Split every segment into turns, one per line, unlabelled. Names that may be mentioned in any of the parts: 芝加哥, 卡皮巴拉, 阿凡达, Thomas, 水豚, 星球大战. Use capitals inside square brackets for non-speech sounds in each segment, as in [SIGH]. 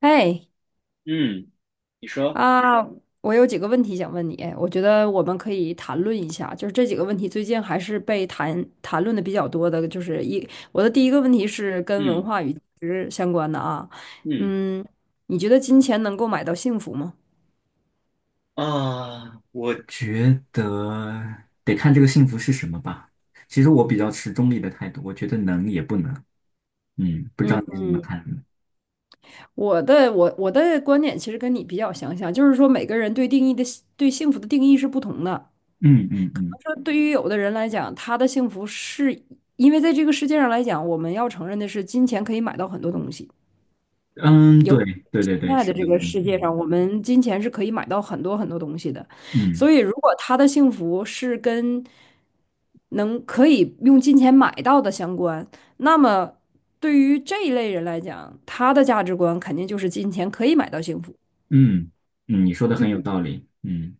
哎
嗯，你说。
啊，我有几个问题想问你，我觉得我们可以谈论一下，就是这几个问题最近还是被谈论的比较多的，就是一，我的第一个问题是跟文
嗯
化与价值相关的啊，
嗯
嗯，你觉得金钱能够买到幸福吗？
啊，我觉得得看这个幸福是什么吧。其实我比较持中立的态度，我觉得能也不能。嗯，不知道你是怎么看的。
我的观点其实跟你比较相像，就是说每个人对定义的对幸福的定义是不同的。
嗯嗯嗯
说对于有的人来讲，他的幸福是因为在这个世界上来讲，我们要承认的是，金钱可以买到很多东西。
嗯，
有
对对
现
对对，
在的
是
这
的，
个
嗯
世界
嗯
上，我们金钱是可以买到很多很多东西的，
嗯
所以如果他的幸福是跟能可以用金钱买到的相关，那么对于这一类人来讲，他的价值观肯定就是金钱可以买到幸福。
嗯嗯，你说的很有
嗯，
道理。嗯，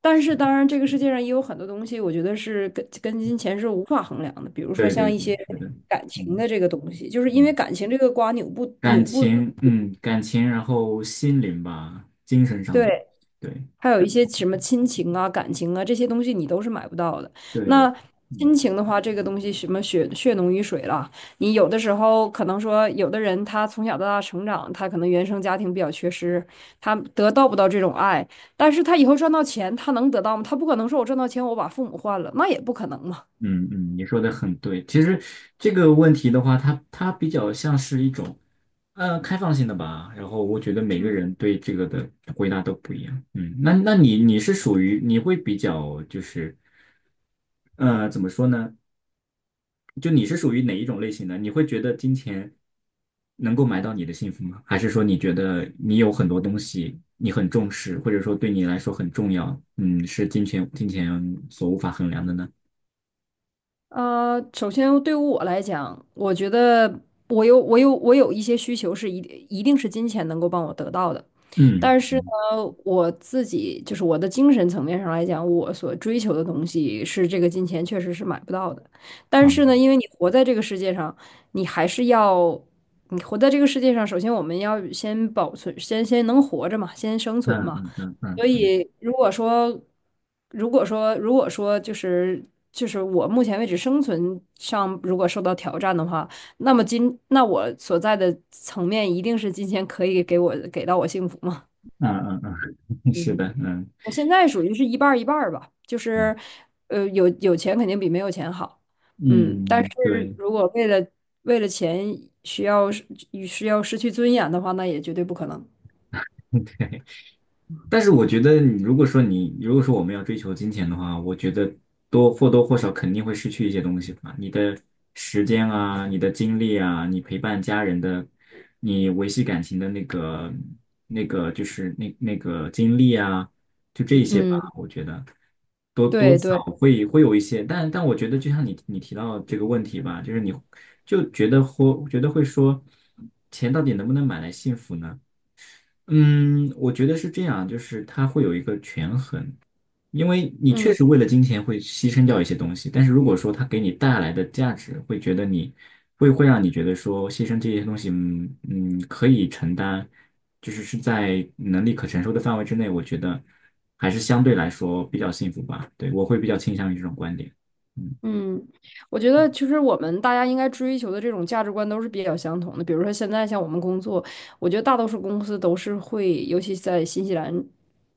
但是当然，这个世界上也有很多东西，我觉得是跟金钱是无法衡量的，比如说
对对
像一
对，
些
是的，
感情
嗯
的这个东西，就是因为
嗯。
感情这个瓜扭不
感
扭不
情，感情，然后心灵吧，精神上的。
对。
对
还有一些什么亲情啊、感情啊这些东西，你都是买不到的。
对对，
那
嗯。
亲情的话，这个东西什么血浓于水了，你有的时候可能说，有的人他从小到大成长，他可能原生家庭比较缺失，他得到不到这种爱，但是他以后赚到钱，他能得到吗？他不可能说我赚到钱，我把父母换了，那也不可能嘛。
嗯嗯，你说的很对。其实这个问题的话，它比较像是一种开放性的吧。然后我觉得每个人对这个的回答都不一样。嗯，那你是属于你会比较就是怎么说呢？就你是属于哪一种类型的？你会觉得金钱能够买到你的幸福吗？还是说你觉得你有很多东西你很重视，或者说对你来说很重要？嗯，是金钱所无法衡量的呢？
首先对于我来讲，我觉得我有一些需求是一定一定是金钱能够帮我得到的，
嗯
但是呢，我自己就是我的精神层面上来讲，我所追求的东西是这个金钱确实是买不到的。但是呢，
嗯。
因为你活在这个世界上，你还是要你活在这个世界上，首先我们要先保存，先能活着嘛，先生存
嗯
嘛。
嗯嗯嗯
所
嗯
以，如果说，就是我目前为止生存上如果受到挑战的话，那么那我所在的层面一定是金钱可以给到我幸福吗？
嗯嗯，嗯嗯，是
嗯
的，嗯
我现在属于是一半儿一半儿吧，就
嗯，
是，有钱肯定比没有钱好，嗯，但是
嗯对。
如果为了钱需要是需要失去尊严的话，那也绝对不可能。
但是我觉得你，如果说我们要追求金钱的话，我觉得或多或少肯定会失去一些东西吧，你的时间啊，你的精力啊，你陪伴家人的，你维系感情的那个那个精力啊，就这一些吧，
嗯，
我觉得多多
对
少
对，
会有一些。但我觉得就像你提到这个问题吧，就是你就觉得或觉得会说，钱到底能不能买来幸福呢？嗯，我觉得是这样，就是它会有一个权衡，因为你确
嗯。
实为了金钱会牺牲掉一些东西，但是如果说它给你带来的价值，会觉得你会让你觉得说牺牲这些东西，嗯嗯，可以承担，就是在能力可承受的范围之内，我觉得还是相对来说比较幸福吧。对，我会比较倾向于这种观点。嗯
嗯，我觉得其实我们大家应该追求的这种价值观都是比较相同的。比如说现在像我们工作，我觉得大多数公司都是会，尤其在新西兰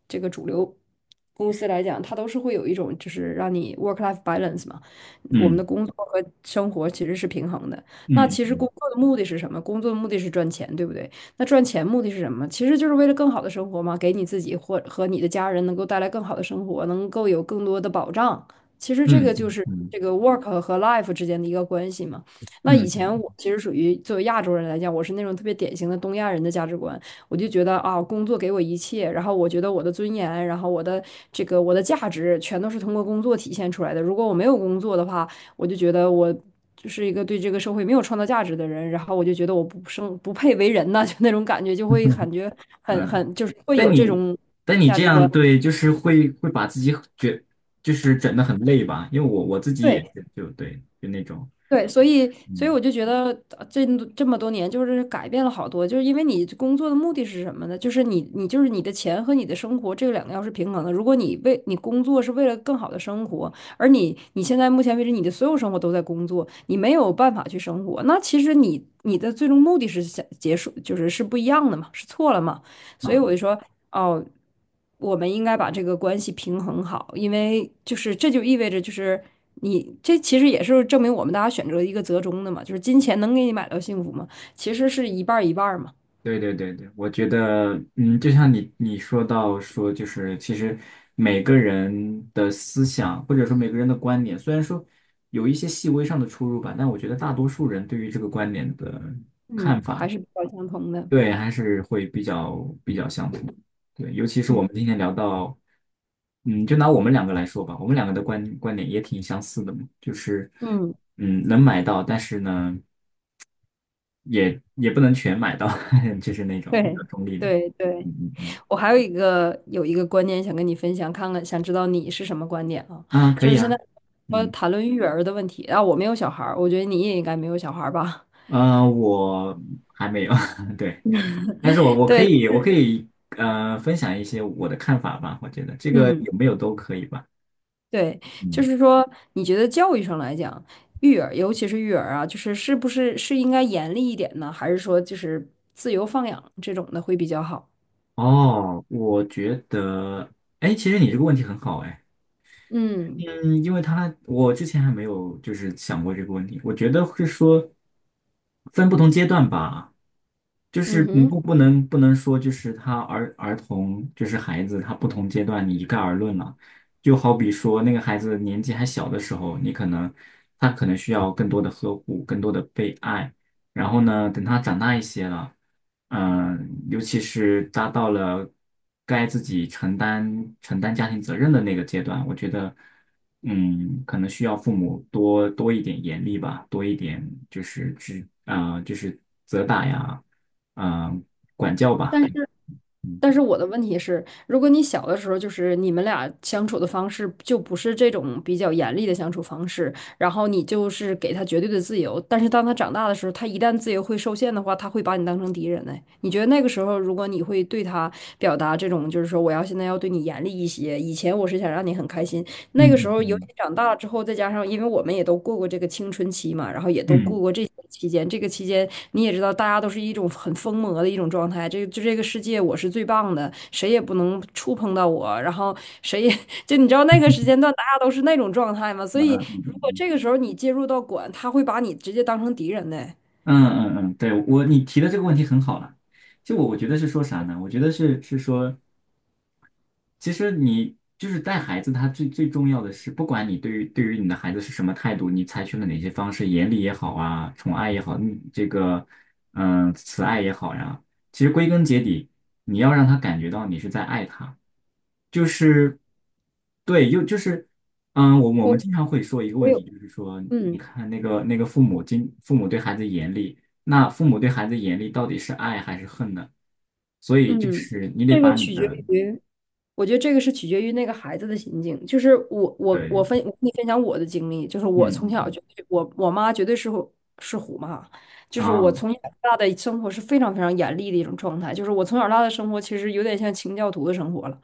这个主流公司来讲，它都是会有一种就是让你 work-life balance 嘛，我们
嗯
的工作和生活其实是平衡的。那其实
嗯
工作的目的是什么？工作的目的是赚钱，对不对？那赚钱目的是什么？其实就是为了更好的生活嘛，给你自己或和你的家人能够带来更好的生活，能够有更多的保障。其实这
嗯
个就
嗯
是
嗯
这个 work 和 life 之间的一个关系嘛。那
嗯
以
嗯。
前
嗯
我其实属于作为亚洲人来讲，我是那种特别典型的东亚人的价值观，我就觉得啊，工作给我一切，然后我觉得我的尊严，然后我的价值全都是通过工作体现出来的。如果我没有工作的话，我就觉得我就是一个对这个社会没有创造价值的人，然后我就觉得我不配为人呐，[LAUGHS] 就那种感觉，就会感
嗯
觉很
嗯，
很就是会
但
有这
你
种
但你
价
这
值
样，
观。
对，就是会把自己就是整的很累吧？因为我自己也
对。
是，就对，就那种。
对，所以我
嗯
就觉得呃这这么多年就是改变了好多，就是因为你工作的目的是什么呢？就是你的钱和你的生活这两个要是平衡的。如果你为你工作是为了更好的生活，而你现在目前为止你的所有生活都在工作，你没有办法去生活，那其实你的最终目的是想结束，是不一样的嘛，是错了嘛。所以我就
啊，
说，哦，我们应该把这个关系平衡好，因为就是这就意味着。你这其实也是证明我们大家选择一个折中的嘛，就是金钱能给你买到幸福吗？其实是一半儿一半儿嘛，
对对对对，我觉得，嗯，就像你说到，说就是其实每个人的思想或者说每个人的观点，虽然说有一些细微上的出入吧，但我觉得大多数人对于这个观点的，
嗯，还是比较相同的，
对，还是会比较相同。对，尤其是我
嗯
们今天聊到，嗯，就拿我们两个来说吧，我们两个的观点也挺相似的嘛。就是，
嗯，
嗯，能买到，但是呢，也不能全买到。[LAUGHS] 就是那种比较
对
中立的。
对对，
嗯嗯
我还有一个观点想跟你分享，看看想知道你是什么观点啊？
嗯，啊，可
就
以
是现在
啊。
说
嗯，
谈论育儿的问题，啊，我没有小孩儿，我觉得你也应该没有小孩儿吧？
呃，我还没有。[LAUGHS] 对，但是我
[LAUGHS]
我可
对，
以我可以分享一些我的看法吧，我觉得这个
嗯。
有没有都可以吧。
对，就
嗯。
是说，你觉得教育上来讲，育儿，尤其是育儿啊，就是是不是应该严厉一点呢？还是说就是自由放养这种的会比较好？
哦，我觉得，哎，其实你这个问题很好。哎，
嗯
嗯，因为他，我之前还没有就是想过这个问题，我觉得是说分不同阶段吧。就
嗯
是你
哼。
不能说，就是他，儿童就是孩子，他不同阶段你一概而论了。就好比说那个孩子年纪还小的时候，你可能他可能需要更多的呵护，更多的被爱。然后呢，等他长大一些了，尤其是达到了该自己承担家庭责任的那个阶段，我觉得，嗯，可能需要父母多多一点严厉吧，多一点就是指啊、就是责打呀。啊、管教吧，
但
可
是。
以。嗯
但是我的问题是，如果你小的时候就是你们俩相处的方式就不是这种比较严厉的相处方式，然后你就是给他绝对的自由，但是当他长大的时候，他一旦自由会受限的话，他会把你当成敌人呢。你觉得那个时候，如果你会对他表达这种，就是说我要现在要对你严厉一些，以前我是想让你很开心，那个时
嗯
候，尤
嗯
其长大了之后，再加上因为我们也都过过这个青春期嘛，然后也都
嗯
过过这些期间。这个期间，你也知道，大家都是一种很疯魔的一种状态。这个就这个世界，我是最棒的，谁也不能触碰到我。然后谁也 [LAUGHS] 就你知道那个时间段，大家都是那种状态嘛。所以，如果这个时候你介入到管，他会把你直接当成敌人的。
嗯嗯嗯，对，我你提的这个问题很好了。就我觉得是说啥呢？我觉得是说其实你就是带孩子，他最最重要的是，不管你对于你的孩子是什么态度，你采取了哪些方式，严厉也好啊，宠爱也好，你这个慈爱也好呀，其实归根结底，你要让他感觉到你是在爱他。就是对，又就是我我
我
们经常会说一个
我
问题，
有，
就是说，你
嗯
看那个父母对孩子严厉，那父母对孩子严厉到底是爱还是恨呢？所以就
嗯，
是你得
这个
把你
取决
的……
于。我觉得这个是取决于那个孩子的心境。就是我我我
对，
分我跟你分享我的经历，就是我从
嗯
小就
嗯
我妈绝对虎妈，就
嗯
是我
啊。
从小到大的生活是非常非常严厉的一种状态。就是我从小到大的生活其实有点像清教徒的生活了，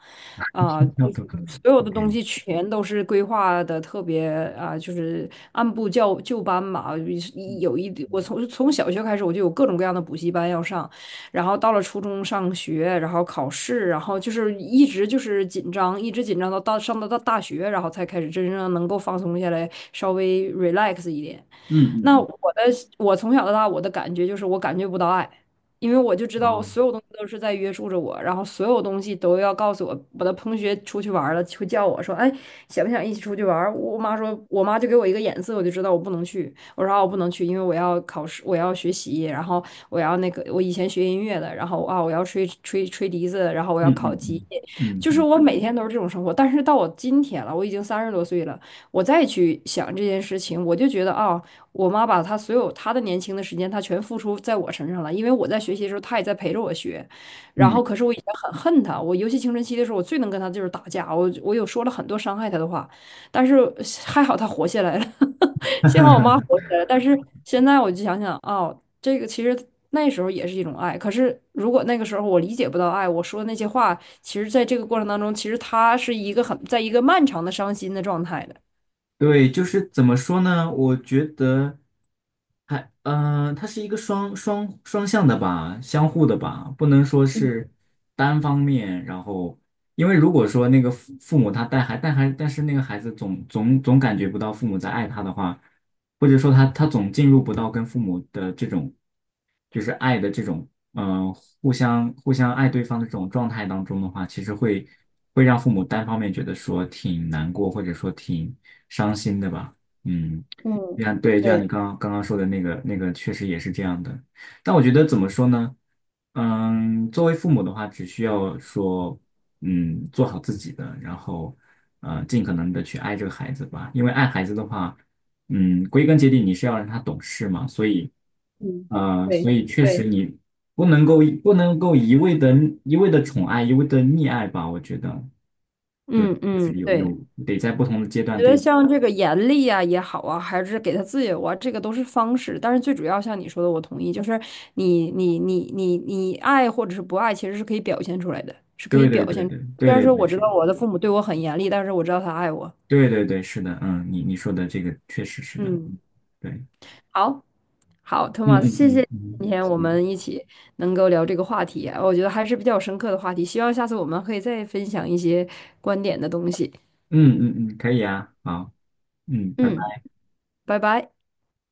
啊、
[LAUGHS] 要
就是
多以
所有
o
的东
k
西全都是规划的特别按部就班吧。有一
嗯
有一我
嗯
从小学开始我就有各种各样的补习班要上。然后到了初中上学，然后考试，然后就是一直就是紧张，一直紧张到到上到到大学，然后才开始真正能够放松下来，稍微 relax 一点。
嗯
那我
嗯
的我从小到大我的感觉就是我感觉不到爱，因为我就知
嗯
道我
啊，
所有东西都是在约束着我，然后所有东西都要告诉我。我的同学出去玩儿了，会叫我说：“哎，想不想一起出去玩儿我妈说，我妈就给我一个眼色，我就知道我不能去。我说啊，我不能去，因为我要考试，我要学习，然后我要那个，我以前学音乐的，然后啊，我要吹笛子，然后我
嗯
要考
嗯
级，
嗯嗯
就是
嗯
我每天都是这种生活。但是到我今天了，我已经三十多岁了，我再去想这件事情，我就觉得啊，我妈把她所有她的年轻的时间，她全付出在我身上了，因为我在学习的时候，她也在陪着我学。然
嗯。
后，可是我以前很恨她，我尤其青春期的时候，我最能跟她就是打架，我有说了很多伤害她的话，但是还好她活下来了。[LAUGHS] 幸好我妈活
[LAUGHS]
下来了，但是现在我就想想，哦，这个其实那时候也是一种爱。可是如果那个时候我理解不到爱，我说的那些话，其实在这个过程当中，其实她是一个很，在一个漫长的伤心的状态的。
对，就是怎么说呢？我觉得它是一个双向的吧，相互的吧，不能说是单方面。然后，因为如果说那个父母他，带孩,但是那个孩子总感觉不到父母在爱他的话，或者说他总进入不到跟父母的这种，就是爱的这种，嗯、互相爱对方的这种状态当中的话，其实会让父母单方面觉得说挺难过，或者说挺伤心的吧。嗯，就像，对，就像你刚刚说的那个那个,确实也是这样的。但我觉得怎么说呢？嗯，作为父母的话，只需要说，做好自己的，然后，尽可能的去爱这个孩子吧。因为爱孩子的话，归根结底你是要让他懂事嘛，所以，
嗯，
呃，所
对
以确实
对，
你不能够一味的宠爱，一味的溺爱吧，我觉得。对，
嗯
就
嗯，
是有，有
对。
得在不同的阶
我
段，
觉得
对。
像这个严厉啊也好啊，还是给他自由啊，这个都是方式。但是最主要像你说的，我同意，就是你爱或者是不爱，其实是可以表现出来的，是可以
对对
表
对
现。
对对
虽然
对
说
对，
我知道
是，
我的父母对我很严厉，但是我知道他爱我。
对对对，是的，嗯，你说的这个确实是的，
嗯，
嗯，对，
好，好
嗯
，Thomas，
嗯
谢
嗯
谢
嗯，
今天我
行，
们一起能够聊这个话题啊，我觉得还是比较深刻的话题。希望下次我们可以再分享一些观点的东西。
嗯嗯嗯，可以啊，好，嗯，拜
嗯，
拜。
拜拜。